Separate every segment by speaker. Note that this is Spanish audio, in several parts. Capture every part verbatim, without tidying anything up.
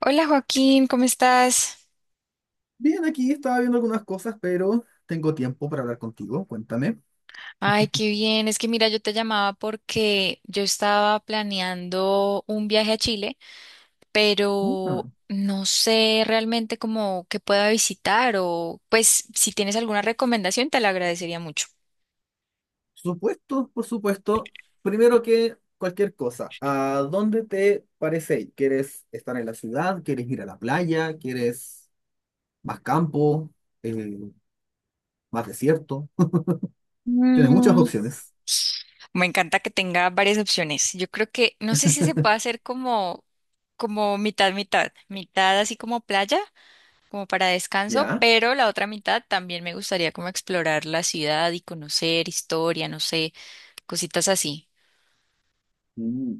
Speaker 1: Hola Joaquín, ¿cómo estás?
Speaker 2: Bien, aquí estaba viendo algunas cosas, pero tengo tiempo para hablar contigo. Cuéntame.
Speaker 1: Ay, qué bien. Es que mira, yo te llamaba porque yo estaba planeando un viaje a Chile,
Speaker 2: Ah,
Speaker 1: pero no sé realmente cómo que pueda visitar o pues si tienes alguna recomendación te la agradecería mucho.
Speaker 2: supuesto, por supuesto. Primero que cualquier cosa, ¿a dónde te parece ir? ¿Quieres estar en la ciudad? ¿Quieres ir a la playa? ¿Quieres más campo? Eh, ¿más desierto? Tienes muchas
Speaker 1: Mm,
Speaker 2: opciones.
Speaker 1: Me encanta que tenga varias opciones. Yo creo que no sé si se puede hacer como como mitad mitad, mitad así como playa como para descanso,
Speaker 2: ¿Ya?
Speaker 1: pero la otra mitad también me gustaría como explorar la ciudad y conocer historia, no sé, cositas así.
Speaker 2: Mm.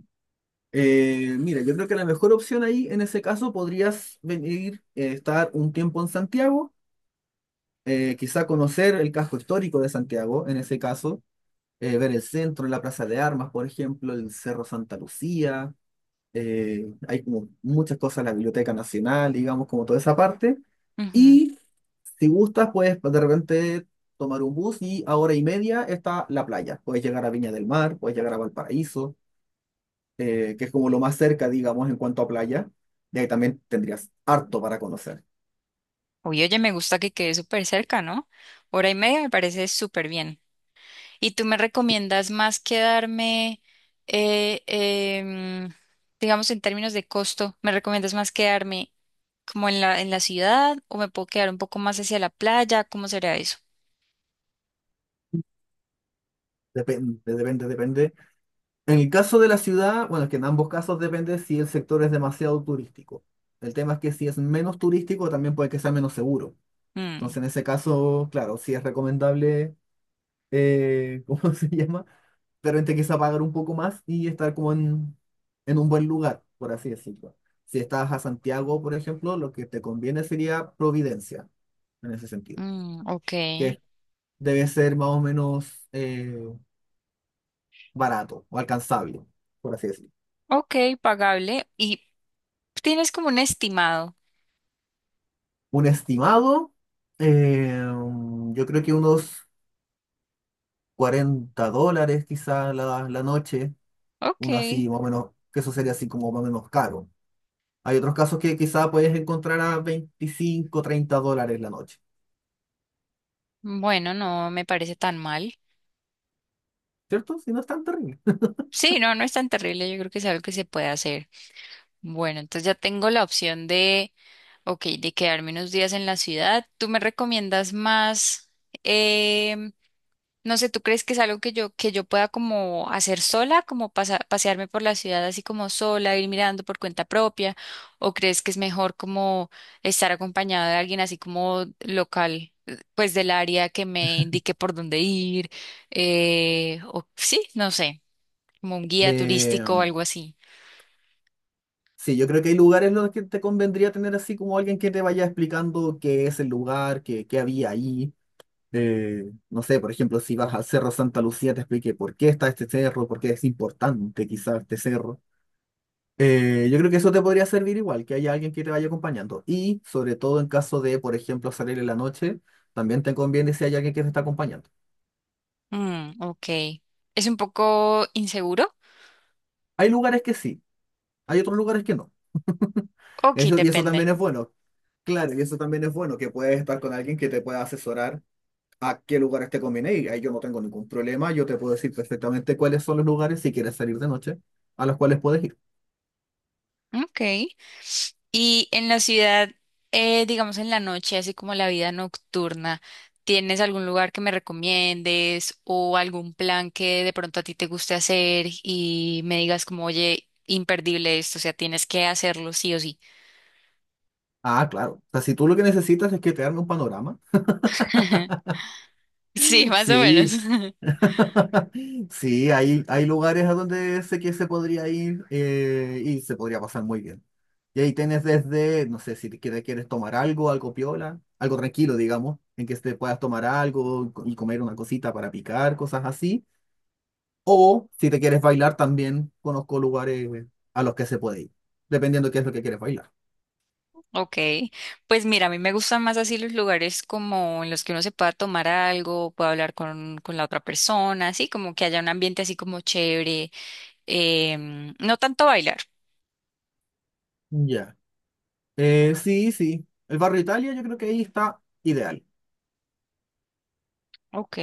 Speaker 2: Eh, mira, yo creo que la mejor opción ahí, en ese caso, podrías venir, eh, estar un tiempo en Santiago, eh, quizá conocer el casco histórico de Santiago, en ese caso, eh, ver el centro, la Plaza de Armas, por ejemplo, el Cerro Santa Lucía. Eh, hay como muchas cosas, la Biblioteca Nacional, digamos, como toda esa parte.
Speaker 1: Ujú.
Speaker 2: Y si gustas, puedes de repente tomar un bus y a hora y media está la playa. Puedes llegar a Viña del Mar, puedes llegar a Valparaíso, eh, que es como lo más cerca, digamos, en cuanto a playa. Y ahí también tendrías harto para conocer.
Speaker 1: Uy, oye, me gusta que quede súper cerca, ¿no? Hora y media me parece súper bien. ¿Y tú me recomiendas más quedarme, eh, em, digamos, en términos de costo, me recomiendas más quedarme como en la, en la ciudad o me puedo quedar un poco más hacia la playa? ¿Cómo será eso?
Speaker 2: Depende, depende, depende. En el caso de la ciudad, bueno, es que en ambos casos depende si el sector es demasiado turístico. El tema es que si es menos turístico, también puede que sea menos seguro.
Speaker 1: Mm,
Speaker 2: Entonces, en ese caso, claro, sí es recomendable, eh, ¿cómo se llama? Pero repente quizá pagar un poco más y estar como en, en un buen lugar, por así decirlo. Si estás a Santiago, por ejemplo, lo que te conviene sería Providencia, en ese sentido,
Speaker 1: mm, ok.
Speaker 2: que debe ser más o menos, eh, barato o alcanzable, por así decirlo.
Speaker 1: Ok, pagable. ¿Y Tienes como un estimado?
Speaker 2: Un estimado, eh, yo creo que unos cuarenta dólares quizá la, la noche,
Speaker 1: Ok.
Speaker 2: uno así más o menos, que eso sería así como más o menos caro. Hay otros casos que quizá puedes encontrar a veinticinco treinta dólares la noche,
Speaker 1: Bueno, no me parece tan mal.
Speaker 2: ¿cierto? Si no es tan terrible.
Speaker 1: Sí, no, no es tan terrible. Yo creo que es algo que se puede hacer. Bueno, entonces ya tengo la opción de, ok, de quedarme unos días en la ciudad. ¿Tú me recomiendas más? em, No sé, ¿tú crees que es algo que yo, que yo pueda como hacer sola, como pasa- pasearme por la ciudad así como sola, ir mirando por cuenta propia? ¿O crees que es mejor como estar acompañado de alguien así como local, eh, pues del área que me indique por dónde ir? Eh, o sí, no sé, como un guía
Speaker 2: Eh,
Speaker 1: turístico o algo así.
Speaker 2: sí, yo creo que hay lugares en los que te convendría tener así como alguien que te vaya explicando qué es el lugar, qué, qué había ahí. Eh, no sé, por ejemplo, si vas al Cerro Santa Lucía, te explique por qué está este cerro, por qué es importante quizás este cerro. Eh, yo creo que eso te podría servir igual, que haya alguien que te vaya acompañando. Y sobre todo en caso de, por ejemplo, salir en la noche, también te conviene si hay alguien que te está acompañando.
Speaker 1: Mm, ok. ¿Es un poco inseguro?
Speaker 2: Hay lugares que sí, hay otros lugares que no.
Speaker 1: Ok,
Speaker 2: Eso, y eso
Speaker 1: depende.
Speaker 2: también es bueno. Claro, y eso también es bueno, que puedes estar con alguien que te pueda asesorar a qué lugares te conviene. Y ahí yo no tengo ningún problema, yo te puedo decir perfectamente cuáles son los lugares si quieres salir de noche a los cuales puedes ir.
Speaker 1: Ok. Y en la ciudad, eh, digamos en la noche, así como la vida nocturna, ¿tienes algún lugar que me recomiendes o algún plan que de pronto a ti te guste hacer y me digas como, oye, imperdible esto, o sea, tienes que hacerlo sí o sí?
Speaker 2: Ah, claro. O sea, si tú lo que necesitas es que te arme un panorama.
Speaker 1: Sí, más o menos.
Speaker 2: Sí. Sí, hay, hay lugares a donde sé que se podría ir, eh, y se podría pasar muy bien. Y ahí tienes desde, no sé, si te quieres, quieres tomar algo, algo piola, algo tranquilo, digamos, en que te puedas tomar algo y comer una cosita para picar, cosas así. O si te quieres bailar también, conozco lugares, eh, a los que se puede ir, dependiendo qué es lo que quieres bailar.
Speaker 1: Ok, pues mira, a mí me gustan más así los lugares como en los que uno se pueda tomar algo, pueda hablar con, con la otra persona, así como que haya un ambiente así como chévere, em, no tanto bailar.
Speaker 2: Ya. Eh, sí, sí. El barrio Italia yo creo que ahí está ideal.
Speaker 1: Ok.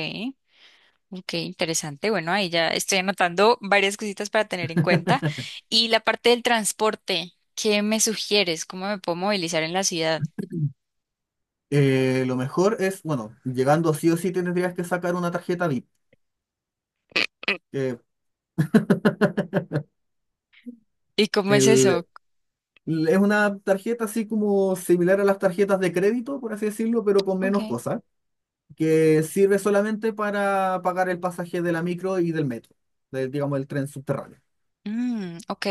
Speaker 1: Ok, interesante. Bueno, ahí ya estoy anotando varias cositas para tener en cuenta. Y la parte del transporte, ¿qué me sugieres? ¿Cómo me puedo movilizar en la ciudad?
Speaker 2: Eh, lo mejor es, bueno, llegando sí o sí tendrías que sacar una tarjeta VIP. Que
Speaker 1: ¿Y cómo es eso?
Speaker 2: El, es una tarjeta así como similar a las tarjetas de crédito, por así decirlo, pero con
Speaker 1: Ok.
Speaker 2: menos cosas, que sirve solamente para pagar el pasaje de la micro y del metro, de, digamos el tren subterráneo.
Speaker 1: Mm, ok.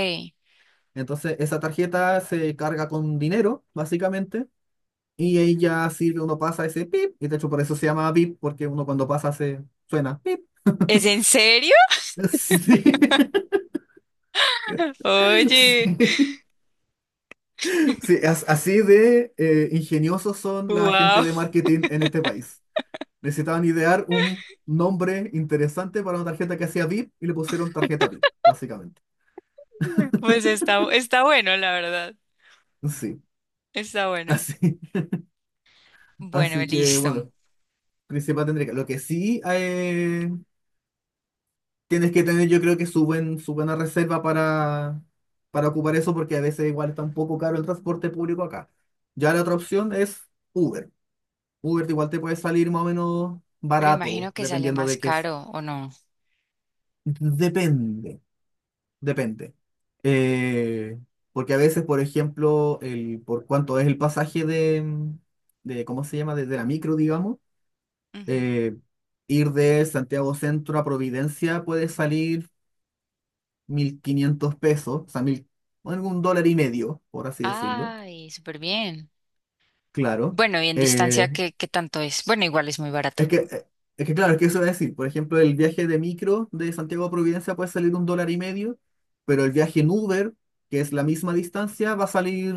Speaker 2: Entonces, esa tarjeta se carga con dinero, básicamente, y ella sirve, uno pasa ese pip, y de hecho por eso se llama pip, porque uno cuando pasa se suena pip.
Speaker 1: ¿Es en serio?
Speaker 2: Sí.
Speaker 1: Oye,
Speaker 2: Sí, sí, as- así de eh, ingeniosos son la gente
Speaker 1: wow.
Speaker 2: de marketing en este país. Necesitaban idear un nombre interesante para una tarjeta que hacía VIP y le pusieron tarjeta VIP, básicamente.
Speaker 1: Pues está, está bueno, la verdad.
Speaker 2: Sí,
Speaker 1: Está bueno.
Speaker 2: así,
Speaker 1: Bueno,
Speaker 2: así que
Speaker 1: listo.
Speaker 2: bueno, principal tendría que... Lo que sí, eh, tienes que tener, yo creo que su, buen- su buena reserva para, para, ocupar eso, porque a veces igual está un poco caro el transporte público acá. Ya la otra opción es Uber. Uber igual te puede salir más o menos
Speaker 1: Pero
Speaker 2: barato,
Speaker 1: imagino que sale
Speaker 2: dependiendo
Speaker 1: más
Speaker 2: de qué es.
Speaker 1: caro, ¿o no?
Speaker 2: Depende, depende. Eh, porque a veces, por ejemplo, el, por cuánto es el pasaje de, de ¿cómo se llama? Desde la micro, digamos.
Speaker 1: Ujú.
Speaker 2: eh, Ir de Santiago Centro a Providencia puede salir mil quinientos pesos, o sea, mil, bueno, un dólar y medio, por así decirlo.
Speaker 1: Ay, súper bien.
Speaker 2: Claro.
Speaker 1: Bueno, y en distancia,
Speaker 2: Eh,
Speaker 1: ¿qué, qué tanto es? Bueno, igual es muy barato.
Speaker 2: Es que, eh, es que claro, es que eso es decir, por ejemplo, el viaje de micro de Santiago a Providencia puede salir un dólar y medio, pero el viaje en Uber, que es la misma distancia, va a salir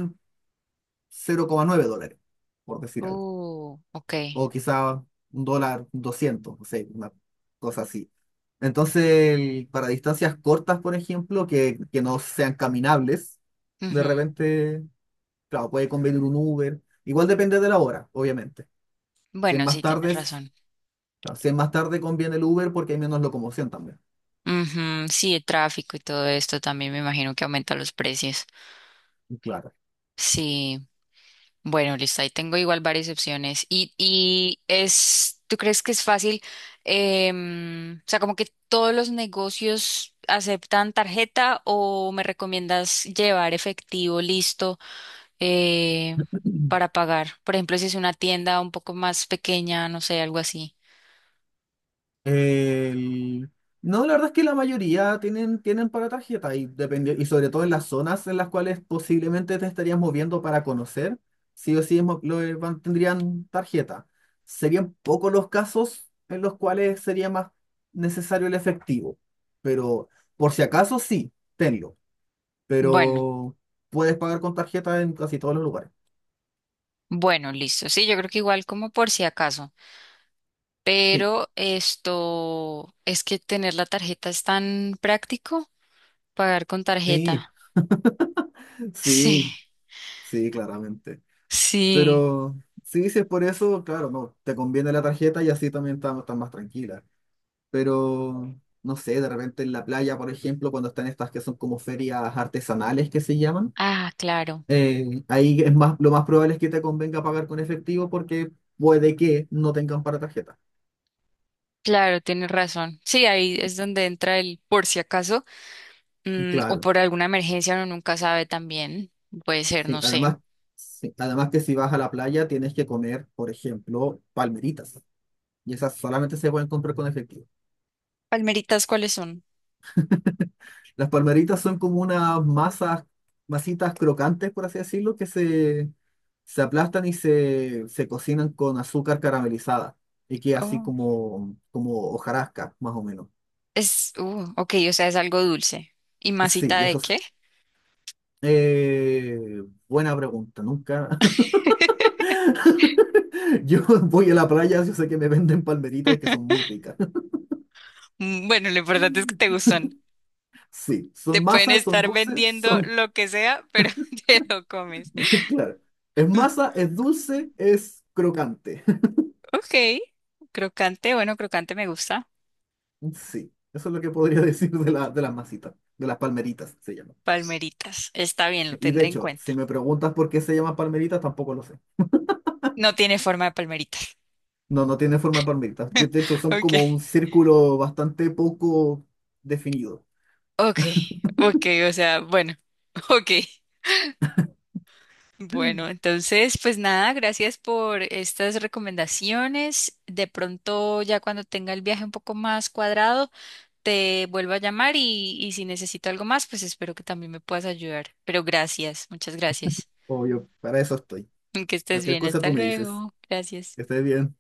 Speaker 2: cero coma nueve dólares, por decir algo.
Speaker 1: Uh, ok.
Speaker 2: O quizá un dólar doscientos, no sé, una cosa así. Entonces, el- para distancias cortas, por ejemplo, que, que no sean caminables, de
Speaker 1: Ujú.
Speaker 2: repente, claro, puede convenir un Uber. Igual depende de la hora, obviamente. Si es
Speaker 1: Bueno,
Speaker 2: más
Speaker 1: sí, tienes
Speaker 2: tarde,
Speaker 1: razón.
Speaker 2: Claro, si es más tarde conviene el Uber porque hay menos locomoción también.
Speaker 1: Ujú, sí, el tráfico y todo esto también me imagino que aumenta los precios.
Speaker 2: Claro.
Speaker 1: Sí, bueno, listo, ahí tengo igual varias opciones. Y, y es, ¿tú crees que es fácil? Em, o sea, como que todos los negocios aceptan tarjeta o me recomiendas llevar efectivo listo eh, para pagar? Por ejemplo, si es una tienda un poco más pequeña, no sé, algo así.
Speaker 2: El- No, la verdad es que la mayoría tienen, tienen para tarjeta, y, depende- y sobre todo en las zonas en las cuales posiblemente te estarías moviendo para conocer, sí o sí es mo- lo- eh, van- tendrían tarjeta. Serían pocos los casos en los cuales sería más necesario el efectivo, pero por si acaso sí, tenlo,
Speaker 1: Bueno.
Speaker 2: pero puedes pagar con tarjeta en casi todos los lugares.
Speaker 1: Bueno, listo. Sí, yo creo que igual como por si acaso.
Speaker 2: Sí,
Speaker 1: Pero esto es que tener la tarjeta es tan práctico, pagar con
Speaker 2: sí,
Speaker 1: tarjeta. Sí,
Speaker 2: sí. Sí, claramente.
Speaker 1: sí.
Speaker 2: Pero sí, si es por eso, claro, no, te conviene la tarjeta y así también estás más tranquila. Pero, no sé, de repente en la playa, por ejemplo, cuando están estas que son como ferias artesanales que se llaman,
Speaker 1: Ah, claro.
Speaker 2: eh, ahí es más, lo más probable es que te convenga pagar con efectivo porque puede que no tengan para tarjeta.
Speaker 1: Claro, tienes razón. Sí, ahí es donde entra el por si acaso, mm, o
Speaker 2: Claro,
Speaker 1: por alguna emergencia, uno nunca sabe también. Puede ser,
Speaker 2: sí.
Speaker 1: no sé.
Speaker 2: Además, sí, además que si vas a la playa tienes que comer, por ejemplo, palmeritas. Y esas solamente se pueden comprar con efectivo.
Speaker 1: Palmeritas, ¿cuáles son?
Speaker 2: Las palmeritas son como unas masas, masitas crocantes, por así decirlo, que se, se aplastan y se, se cocinan con azúcar caramelizada y que así
Speaker 1: Oh,
Speaker 2: como, como hojarasca, más o menos.
Speaker 1: es, uh, ok, o sea, es algo dulce. ¿Y
Speaker 2: Sí,
Speaker 1: masita
Speaker 2: y
Speaker 1: de
Speaker 2: eso es.
Speaker 1: qué?
Speaker 2: eh, buena pregunta, nunca. Yo voy a la playa, yo sé que me venden palmeritas y que son muy ricas.
Speaker 1: Mm, Bueno, lo importante es que te gustan.
Speaker 2: Sí,
Speaker 1: Te
Speaker 2: son
Speaker 1: pueden
Speaker 2: masas, son
Speaker 1: estar
Speaker 2: dulces,
Speaker 1: vendiendo
Speaker 2: son...
Speaker 1: lo que sea, pero te lo comes.
Speaker 2: Claro, es masa, es dulce, es crocante.
Speaker 1: Ok, crocante, bueno, crocante me gusta.
Speaker 2: Sí, eso es lo que podría decir de, la, de las masitas, de las palmeritas se llaman.
Speaker 1: Palmeritas, está bien, lo
Speaker 2: Sí, Y de
Speaker 1: tendré en
Speaker 2: hecho, si
Speaker 1: cuenta.
Speaker 2: me preguntas por qué se llaman palmeritas, tampoco lo sé.
Speaker 1: No tiene forma de palmeritas.
Speaker 2: No, no tiene forma de palmeritas. Que De hecho, son
Speaker 1: Ok,
Speaker 2: como un círculo bastante poco definido.
Speaker 1: ok, ok, o sea, bueno, ok. Bueno, entonces, pues nada, gracias por estas recomendaciones. De pronto, ya cuando tenga el viaje un poco más cuadrado, te vuelvo a llamar y, y si necesito algo más, pues espero que también me puedas ayudar. Pero gracias, muchas gracias.
Speaker 2: Obvio, para eso estoy.
Speaker 1: Que estés
Speaker 2: Cualquier
Speaker 1: bien,
Speaker 2: cosa
Speaker 1: hasta
Speaker 2: tú me dices.
Speaker 1: luego. Gracias.
Speaker 2: Que estés bien.